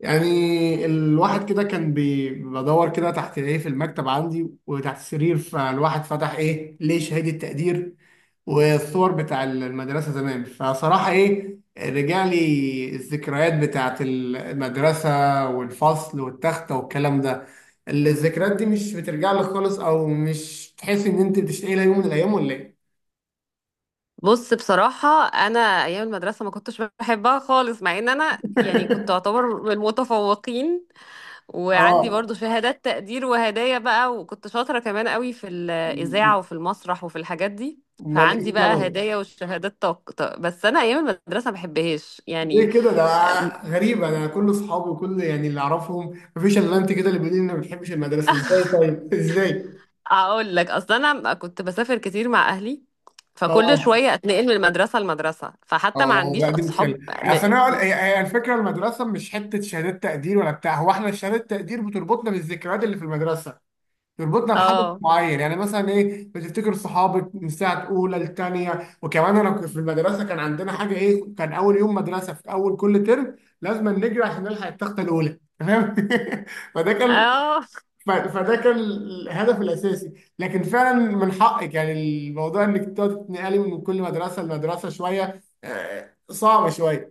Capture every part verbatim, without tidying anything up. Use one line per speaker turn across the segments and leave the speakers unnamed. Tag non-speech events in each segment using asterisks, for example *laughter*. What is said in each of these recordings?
يعني الواحد كده كان بي- بدور كده تحت ايه في المكتب عندي وتحت السرير، فالواحد فتح ايه ليه شهادة تقدير والصور بتاع المدرسة زمان، فصراحة ايه رجع لي الذكريات بتاعت المدرسة والفصل والتختة والكلام ده. الذكريات دي مش بترجع لك خالص او مش تحس ان انت بتشتاق لها يوم من الايام ولا ايه؟
بص، بصراحة أنا أيام المدرسة ما كنتش بحبها خالص، مع إن أنا يعني كنت
*laughs*
أعتبر من المتفوقين، وعندي
اه،
برضو شهادات تقدير وهدايا بقى، وكنت شاطرة كمان قوي في الإذاعة وفي المسرح وفي الحاجات دي.
امال ايه
فعندي بقى
السبب؟
هدايا والشهادات طق، طق، بس أنا أيام المدرسة ما بحبهاش يعني.
ليه كده ده؟
*laughs*
غريبة، أنا كل أصحابي وكل يعني اللي أعرفهم مفيش إلا أنت كده اللي بيقول لي إنك ما بتحبش المدرسة. إزاي طيب؟ *laughs* إزاي؟
أقول لك، أصل أنا كنت بسافر كتير مع أهلي، فكل
أه،
شوية أتنقل من المدرسة لمدرسة، فحتى ما
أه،
عنديش
لا دي
أصحاب.
مشكلة. أصل
م-
أنا أقول- هي هي الفكرة، المدرسة مش حتة شهادات تقدير ولا بتاع. هو إحنا شهادات تقدير بتربطنا بالذكريات اللي في المدرسة، تربطنا بحدث
اه،
معين. يعني مثلا إيه، بتفتكر صحابك من ساعة أولى لتانية. وكمان أنا كنت في المدرسة كان عندنا حاجة إيه، كان أول يوم مدرسة في أول كل ترم لازم نجري عشان نلحق التختة الأولى، تمام؟ *laughs* فده كان،
اه. *laughs*
ف- فده كان الهدف الاساسي. لكن فعلا من حقك، يعني الموضوع انك تقعد تتنقلي من كل مدرسه لمدرسه شويه، آه، صعب شويه.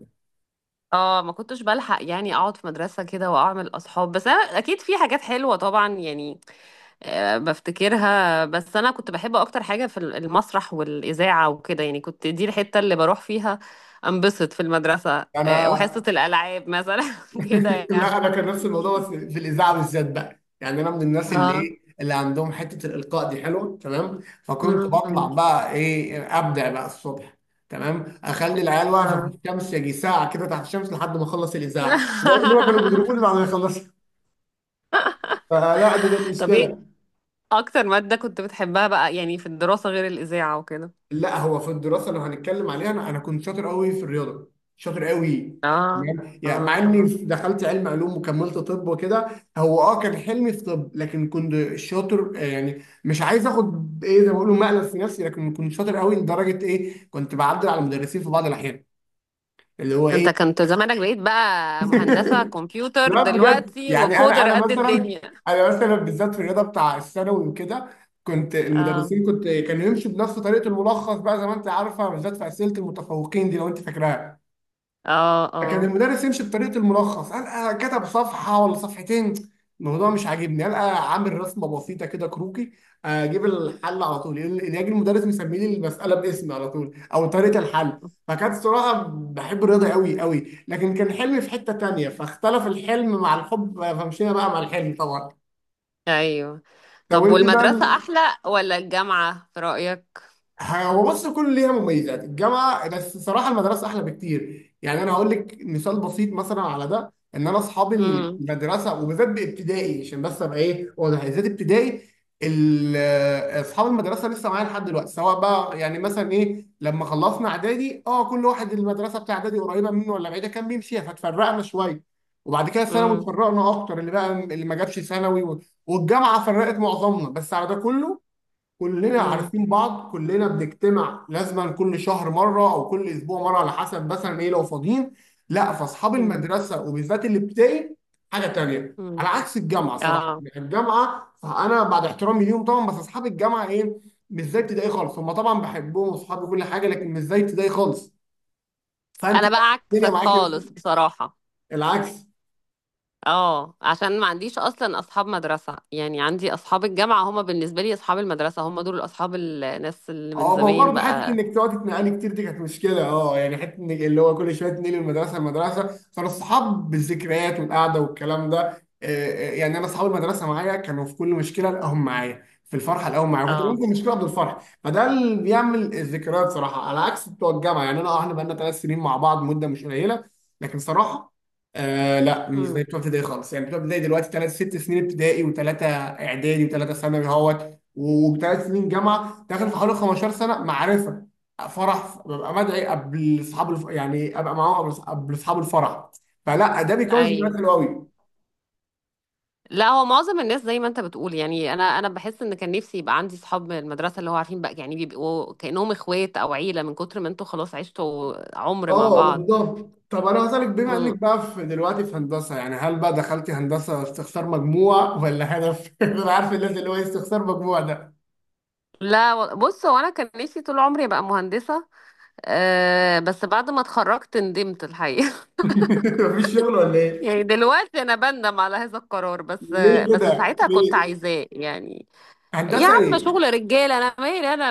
اه. ما كنتش بلحق يعني اقعد في مدرسة كده واعمل اصحاب، بس انا اكيد في حاجات حلوة طبعا يعني. آه، بفتكرها، بس انا كنت بحب اكتر حاجة في المسرح والاذاعة وكده، يعني كنت دي الحتة اللي بروح فيها انبسط في المدرسة. آه، وحصة
انا
الالعاب مثلا *laughs* كده
*laughs* لا
يعني.
انا كان نفس الموضوع، بس في الاذاعه بالذات بقى. يعني انا من الناس اللي
اه.
ايه، اللي عندهم حته الالقاء دي حلوه، تمام؟ فكنت
م-
بطلع
م-
بقى ايه، ابدع بقى الصبح، تمام، اخلي العيال واقفه في
اه.
الشمس يجي ساعه كده تحت الشمس لحد ما اخلص الاذاعه، لدرجة ان هم كانوا بيضربوني
*laughs*
بعد ما يخلصوا. فلا دي كانت
طب ايه
مشكله.
اكتر مادة كنت بتحبها بقى يعني في الدراسة غير الاذاعة وكده؟
لا هو في الدراسه لو هنتكلم عليها، انا انا كنت شاطر قوي في الرياضه، شاطر قوي.
اه،
يعني يعني مع
اه،
اني
اه.
دخلت علم علوم وكملت طب وكده. هو اه كان حلمي في طب، لكن كنت شاطر، آه، يعني مش عايز اخد ايه زي ما بيقولوا مقلب في نفسي، لكن كنت شاطر قوي لدرجه ايه كنت بعدل على المدرسين في بعض الاحيان. اللي هو
انت
ايه.
كنت زمانك بقيت بقى مهندسة
*laughs*
كمبيوتر
لا بجد
دلوقتي
يعني انا
وكودر
انا
قد
مثلا،
الدنيا.
انا مثلا بالذات في الرياضه بتاع الثانوي وكده، كنت
اه،
المدرسين كنت كانوا يمشوا بنفس طريقه الملخص بقى، زي ما انت عارفه، بالذات في اسئله المتفوقين دي لو انت فاكراها.
اه،
كان
اه،
المدرس يمشي بطريقه الملخص، قال آه، كتب صفحه ولا صفحتين، الموضوع مش عاجبني، قال آه، عامل رسمه بسيطه كده كروكي، اجيب الحل على طول. يجي المدرس مسمي لي المساله باسمي على طول او طريقه الحل. فكانت الصراحه بحب الرياضه قوي قوي، لكن كان حلمي في حته تانيه، فاختلف الحلم مع الحب، فمشينا بقى مع الحلم طبعا.
ايوه.
طب
طب
انت
والمدرسة
بقى.
احلى ولا الجامعة في رأيك؟
هو بص، كل ليها مميزات، الجامعه. بس صراحه المدرسه احلى بكتير. يعني انا هقول لك مثال بسيط مثلا على ده، ان انا اصحابي
امم،
المدرسه وبالذات بابتدائي، عشان بس ابقى ايه واضح، بالذات ابتدائي، ال- اصحاب المدرسه لسه معايا لحد دلوقتي. سواء بقى يعني مثلا ايه لما خلصنا اعدادي، اه كل واحد المدرسه بتاع اعدادي قريبه منه ولا بعيده كان بيمشيها، فتفرقنا شويه، وبعد كده ثانوي
امم،
اتفرقنا اكتر اللي بقى اللي ما جابش ثانوي، والجامعه فرقت معظمنا. بس على ده كله كلنا
امم،
عارفين بعض، كلنا بنجتمع لازما كل شهر مره او كل اسبوع مره على حسب مثلا ايه لو فاضيين. لا فاصحاب
امم،
المدرسه وبالذات الابتدائي حاجه تانيه، على
امم،
عكس الجامعه صراحه.
اه.
يعني الجامعه، فانا بعد احترامي ليهم طبعا، بس اصحاب الجامعه ايه، مش زي ابتدائي خالص. هم طبعا بحبهم واصحابي كل حاجه، لكن مش زي ابتدائي خالص. فانت
انا
بقى
بقى
الدنيا
عكسك
معاكي
خالص بصراحة.
العكس.
اه. عشان ما عنديش اصلا اصحاب مدرسة، يعني عندي اصحاب الجامعة، هما بالنسبة لي اصحاب المدرسة، هما دول اصحاب الناس اللي من
اه ما هو
زمان
برضه حته
بقى.
انك تقعدي تنقلي كتير دي كانت مشكله، اه يعني حته انك اللي هو كل شويه تنقلي المدرسه المدرسه فالصحاب بالذكريات والقعده والكلام ده، آه، آه، يعني انا اصحاب المدرسه معايا كانوا في كل مشكله، الاقيهم معايا في الفرحه، الاقيهم معايا، كنت
اه،
ممكن مشكله قبل الفرح، فده اللي بيعمل الذكريات صراحه، على عكس بتوع الجامعه. يعني انا اه احنا بقالنا ثلاث سنين مع بعض، مده مش قليله، لكن صراحه آه لا مش زي
امم،
بتوع ابتدائي خالص. يعني بتوع ابتدائي دلوقتي ثلاث، ست سنين ابتدائي وثلاثه اعدادي وثلاثه ثانوي اهوت، وثلاث سنين جامعه، داخل في حوالي خمستاشر سنه معرفه. فرح ببقى مدعي قبل اصحاب الف... يعني ابقى معاهم قبل قبل اصحاب الفرح. فلا ده بيكون ذكريات
ايوه.
حلوه قوي.
لا هو معظم الناس زي ما انت بتقول، يعني انا انا بحس ان كان نفسي يبقى عندي صحاب من المدرسه، اللي هو عارفين بقى يعني بيبقوا كانهم اخوات او عيله، من كتر ما انتوا خلاص عشتوا عمر مع
اه
بعض.
بالظبط. طب انا هسألك، بما انك
مم.
بقى في دلوقتي في هندسه، يعني هل بقى دخلتي هندسه استخسار مجموع ولا هدف؟ *laughs* انا عارف الناس اللي هو إيه استخسار مجموع ده.
لا و- بص هو انا كان نفسي طول عمري ابقى مهندسه. أه، بس بعد ما اتخرجت ندمت الحقيقه. *laughs*
*laughs* مفيش شغل ولا ايه؟
يعني دلوقتي انا بندم على هذا القرار بس،
ليه
بس
كده؟
ساعتها كنت
ليه؟
عايزاه يعني. يا
هندسه
عم،
ايه؟
شغل رجاله انا مالي انا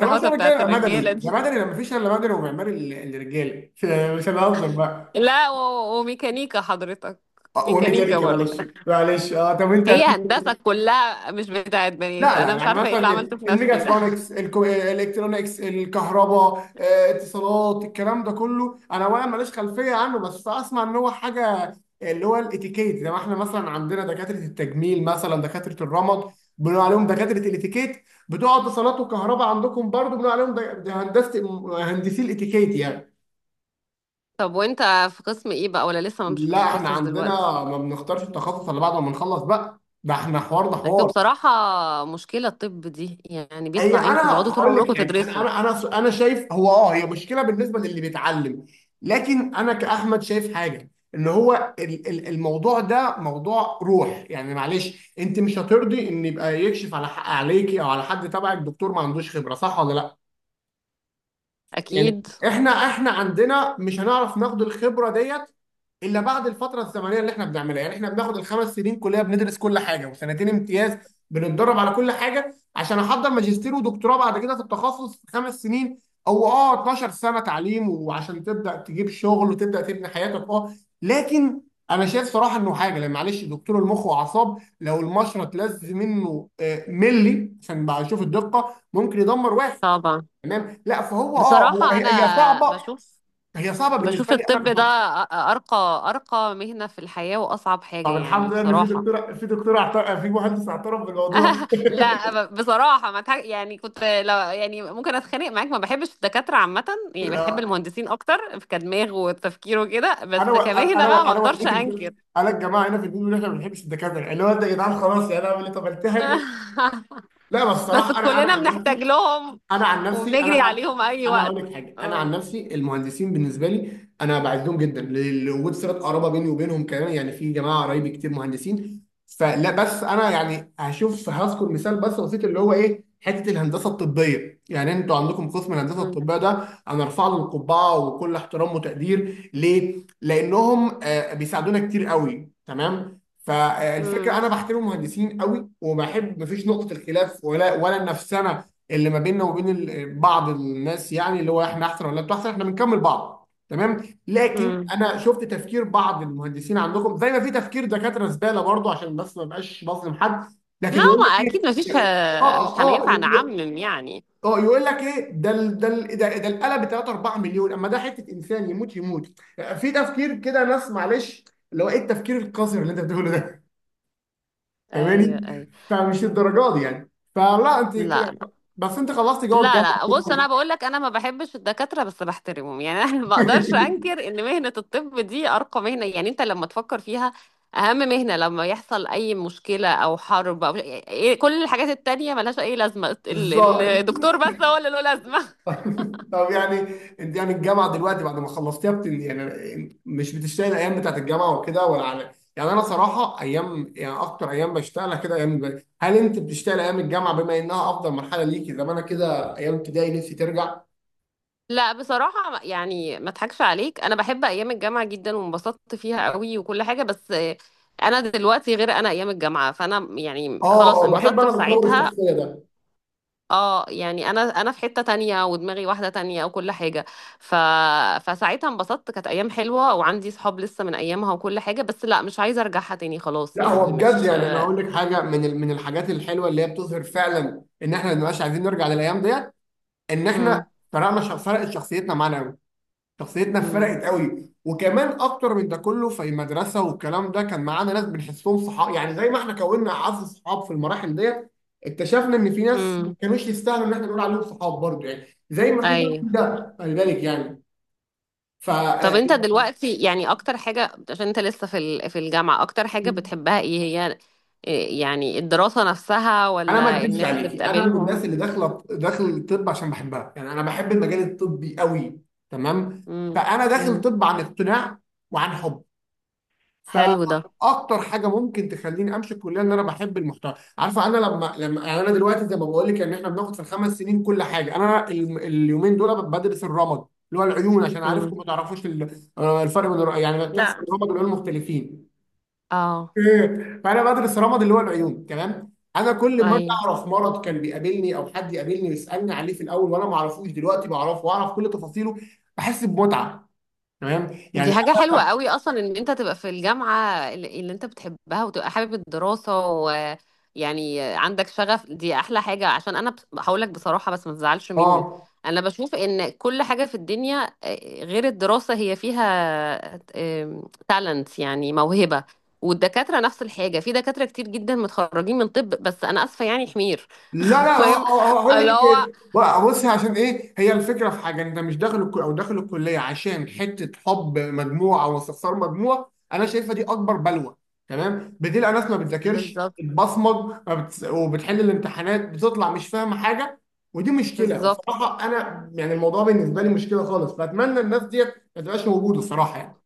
طالما شغلك كده
بتاعت
يبقى مدني،
الرجاله
ده
دي.
مدني لما مفيش الا مدني ومعماري، ال- الرجاله *laughs* مش هنهزر بقى.
لا و- وميكانيكا حضرتك.
آه،
ميكانيكا
وميكانيكا
برضه.
معلش. معلش اه. طب انت هت-
هي هندسة كلها مش بتاعت بنات،
لا لا،
انا مش
يعني
عارفة ايه اللي
مثلا
عملته في نفسي ده.
الميجاترونكس، الكو... الالكترونكس، الكهرباء، آه، اتصالات، الكلام ده كله انا اولا ماليش خلفيه عنه، بس اسمع ان هو حاجه اللي هو الاتيكيت. زي ما احنا مثلا عندنا دكاتره التجميل، مثلا دكاتره الرمد، بنقول عليهم دكاتره الاتيكيت، بتوع اتصالات وكهرباء عندكم برضو بنقول عليهم د- د- هندسه، هندسي الاتيكيت يعني.
*laughs* طب وانت في قسم ايه بقى، ولا لسه مش
لا احنا
بتتخصص
عندنا
دلوقتي؟
ما بنختارش التخصص الا بعد ما بنخلص بقى، ده احنا حوار، ده
انتوا
حوار.
بصراحة مشكلة الطب دي يعني
هي
بيطلع عينكم
انا
تقعدوا طول
هقول
عمركم
لك حاجه، انا
تدرسوا.
انا انا انا شايف هو اه هي مشكله بالنسبه للي بيتعلم، لكن انا كاحمد شايف حاجه، ان هو ال- ال- الموضوع ده موضوع روح. يعني معلش انت مش هترضي ان يبقى يكشف على حق عليكي او على حد تبعك دكتور ما عندوش خبره، صح ولا لا؟ يعني
اكيد،
احنا احنا عندنا مش هنعرف ناخد الخبره ديت الا بعد الفتره الزمنيه اللي احنا بنعملها. يعني احنا بناخد الخمس سنين كليه بندرس كل حاجه، وسنتين امتياز بنتدرب على كل حاجه، عشان احضر ماجستير ودكتوراه بعد كده في التخصص في خمس سنين، او اه اتناشر سنه تعليم، وعشان تبدا تجيب شغل وتبدا تبني حياتك اه. لكن انا شايف صراحه انه حاجه، لان معلش دكتور المخ واعصاب لو المشرط لز منه آه، ملي عشان بقى اشوف الدقه، ممكن يدمر واحد،
طبعا.
تمام؟ لا فهو اه هو
بصراحة
هي هي
انا
صعبه،
بشوف
هي صعبه
بشوف
بالنسبه لي
الطب
انا
ده
كشخص.
أ- أ- ارقى ارقى مهنة في الحياة واصعب حاجة
طب
يعني
الحمد لله ان في
بصراحة.
دكتور، في دكتور اعترف، في مهندس اعترف بالموضوع. *laughs*
لا ب- بصراحة ما تح... يعني كنت لو يعني ممكن اتخانق معاك، ما بحبش الدكاترة عامة. يعني بحب
آه،
المهندسين اكتر في كدماغ وتفكير وكده،
انا
بس
و...
كمهنة
انا و...
بقى ما
انا
اقدرش
والدتي
انكر.
بتقول انا الجماعه هنا في الدين ان احنا ما بنحبش الدكاتره، اللي هو انت يا جدعان خلاص، يعني انا اعمل ايه طب التهر.
*laughs*
لا بس
بس
الصراحه انا، انا
كلنا
عن
بنحتاج
نفسي
لهم
انا عن نفسي
وبنجري
انا
عليهم اي
انا هقول
وقت.
لك حاجه، انا عن
اه.
نفسي المهندسين بالنسبه لي انا بعزهم جدا، ل- لوجود صله قرابه بيني وبينهم كمان. يعني في جماعه قرايبي كتير مهندسين، فلا بس انا يعني هشوف هذكر مثال بس بسيط اللي هو ايه حته الهندسه الطبيه، يعني انتوا عندكم قسم الهندسه
مم.
الطبيه ده انا ارفع له القبعه وكل احترام وتقدير. ليه؟ لانهم آه، بيساعدونا كتير قوي، تمام؟ فالفكره
مم.
انا بحترم المهندسين قوي وبحب، مفيش نقطه الخلاف ولا ولا النفسنه اللي ما بيننا وبين ال- بعض الناس، يعني اللي هو احنا احسن ولا انتوا احسن، احنا بنكمل بعض تمام. لكن
مم.
انا شفت تفكير بعض المهندسين عندكم زي ما في تفكير دكاتره زباله برضه، عشان بس ما بقاش بظلم حد،
لا،
لكن يقول
ما
لك ايه.
اكيد ما فيش،
اه
مش
اه اه
هننفع
ي- ي-
نعمم يعني.
اه يقول لك ايه، ده ال- ده ال- ده ده القلم ب ثلاثة اربعة مليون، اما ده حته انسان يموت يموت، في تفكير كده ناس معلش اللي هو ايه التفكير القذر اللي انت بتقوله ده. فاهماني؟
ايوه، ايوه.
فمش الدرجات دي يعني. فلا انت كده،
لا،
بس انت خلصت جوه
لا،
الجامعه
لا، بص
كده.
انا بقول لك انا ما بحبش الدكاتره بس بحترمهم، يعني انا *laughs* ما اقدرش انكر ان مهنه الطب دي ارقى مهنه، يعني انت لما تفكر فيها اهم مهنه لما يحصل اي مشكله او حرب او إيه- كل الحاجات التانية ملهاش اي لازمه، ال- ال-
بالظبط.
الدكتور بس هو اللي له لازمه. *laughs*
*laughs* طب يعني، انت يعني الجامعه دلوقتي بعد ما خلصتيها بت... يعني مش بتشتغل الايام بتاعت الجامعه وكده ولا على، يعني انا صراحه ايام يعني اكتر ايام بشتغلها كده ايام الب- هل انت بتشتغل ايام الجامعه بما انها افضل مرحله ليكي، زي ما انا كده ايام ابتدائي نفسي ترجع.
لا بصراحه يعني ما اضحكش عليك، انا بحب ايام الجامعه جدا وانبسطت فيها قوي وكل حاجه، بس انا دلوقتي غير انا ايام الجامعه، فانا يعني
اه
خلاص
اه بحب
انبسطت
انا
في
تطور
ساعتها.
الشخصيه ده.
اه يعني انا انا في حتة تانية ودماغي واحدة تانية وكل حاجة. ف... فساعتها انبسطت، كانت ايام حلوة وعندي صحاب لسه من ايامها وكل حاجة، بس لا مش عايزة ارجعها تاني، خلاص
لا هو
يعني
بجد
مش.
يعني انا هقول لك حاجه، من ال- من الحاجات الحلوه اللي هي بتظهر فعلا ان احنا ما بنبقاش عايزين نرجع للايام ديت، ان
امم،
احنا فرقنا ش- فرقت شخصيتنا معانا. شخصيتنا
امم،
فرقت قوي. وكمان اكتر من ده كله في المدرسه والكلام ده كان معانا ناس بنحسهم صحاب، يعني زي ما احنا كوننا اعز صحاب في المراحل ديت، اكتشفنا ان في ناس ما
امم،
كانوش يستاهلوا ان احنا نقول عليهم صحاب برضه، يعني زي ما في ده في
ايوه.
ده خلي بالك يعني. ف
طب
آه،
انت دلوقتي يعني اكتر حاجة عشان انت لسه في ال... في الجامعة، اكتر حاجة بتحبها ايه هي؟ إيه يعني الدراسة نفسها
انا ما
ولا
اكذبش
الناس اللي
عليكي، انا من الناس
بتقابلهم؟
اللي داخله داخل الطب عشان بحبها، يعني انا بحب المجال الطبي قوي، تمام؟
امم،
فانا داخل
امم،
طب عن اقتناع وعن حب.
حلو ده،
فاكتر حاجه ممكن تخليني امشي الكليه ان انا بحب المحتوى، عارفه انا لما لما يعني انا دلوقتي زي ما بقول لك ان احنا بناخد في الخمس سنين كل حاجه، انا ال- اليومين دول بدرس الرمد، اللي هو العيون عشان
امم،
عارفكم ما تعرفوش ال- آه، الفرق بين الر- يعني بتحسب
لا،
الرمد والعيون مختلفين. *laughs*
اه،
إيه. فانا بدرس الرمد اللي هو العيون، تمام؟ انا كل ما
اي.
اعرف مرض كان بيقابلني او حد يقابلني ويسالني عليه في الاول وانا ما اعرفوش، دلوقتي بعرفه واعرف كل تفاصيله، بحس بمتعه، تمام يعني.
دي حاجة حلوة
انا
قوي أصلا إن أنت تبقى في الجامعة اللي اللي أنت بتحبها وتبقى حابب الدراسة، ويعني عندك شغف، دي أحلى حاجة، عشان أنا بس- هقولك بصراحة بس ما تزعلش مني.
اه
أنا بشوف إن كل حاجة في الدنيا آه، غير الدراسة، هي فيها تالنت يعني موهبة. والدكاترة نفس الحاجة، في دكاترة كتير جدا متخرجين من طب، بس أنا آسفة يعني حمير.
لا لا
*laughs*
ه-
المهم،
ه- هقول لك
اللي هو
ليه. بقى بص، عشان ايه هي الفكره، في حاجه انت مش داخل الكل او داخل الكليه عشان حته حب مجموعه او استخسار مجموعه، انا شايفها دي اكبر بلوه، تمام؟ بتلاقي ناس ما بتذاكرش
بالظبط،
بتبصمج، ما بتس- وبتحل الامتحانات بتطلع مش فاهمه حاجه، ودي مشكله.
بالظبط،
بصراحه انا يعني الموضوع بالنسبه لي مشكله خالص، فاتمنى الناس ديت ما تبقاش موجوده الصراحه يعني.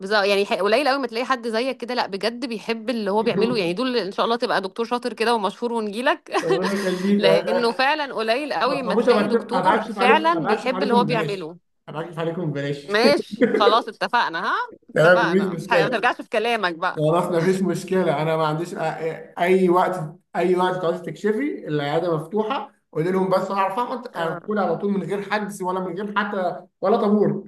بالظبط. يعني ح- قليل قوي ما تلاقي حد زيك كده، لا بجد بيحب اللي هو بيعمله، يعني
*laughs*
دول، ان شاء الله تبقى دكتور شاطر كده ومشهور ونجيلك.
ربنا
*laughs*
يخليك.
لانه فعلا قليل
ما
قوي ما
تخافوش، ابقى
تلاقي
أكشف- أبقى
دكتور
اكشف عليكم،
فعلا
ابقى اكشف
بيحب اللي هو
عليكم ببلاش
بيعمله.
ابقى اكشف عليكم ببلاش.
ماشي خلاص، اتفقنا، ها.
تمام
اتفقنا،
مفيش
ما
مشكله.
ترجعش في كلامك بقى.
خلاص مفيش مشكله انا، ما عنديش أ- أ- اي وقت، اي وقت تعوزي تكشفي العياده مفتوحه، قولي لهم بس هعرف اقعد
آه،
هدخل على طول من غير حجز ولا من غير حتى ولا طابور.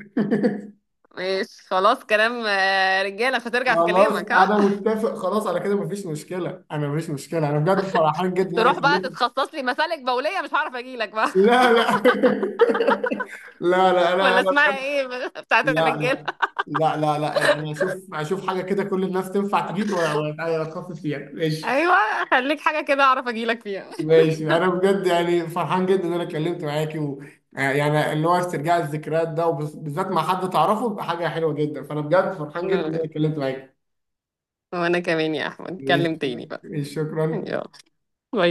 ماشي خلاص، كلام آه، رجاله، مش هترجع في
خلاص
كلامك ها.
انا متفق، خلاص على كده مفيش مشكله. انا مفيش مشكله انا بجد فرحان جدا
*laughs*
ان انا
تروح بقى
اتكلمت.
تتخصص لي مسالك بوليه، مش هعرف اجيلك بقى.
لا لا *laughs* لا لا
*laughs*
انا
ولا
انا
اسمها
بجد،
ايه *laughs* بتاعت
لا
الرجاله؟
لا لا لا لا انا اشوف اشوف حاجه كده كل الناس تنفع تجيلي، ولا ولا اتخصص فيها، ماشي.
ايوه خليك حاجه كده اعرف اجيلك فيها.
ماشي انا بجد يعني فرحان جدا ان انا اتكلمت معاكي، و... آه، يعني اللي هو استرجاع الذكريات ده، وبالذات مع حد تعرفه، بيبقى حاجه حلوه جدا، فانا بجد فرحان جدا ان انا
*laughs*
اتكلمت معاكي.
وانا كمان يا احمد،
ماشي.
نتكلم تاني بقى.
ماشي، شكرا.
يلا، باي.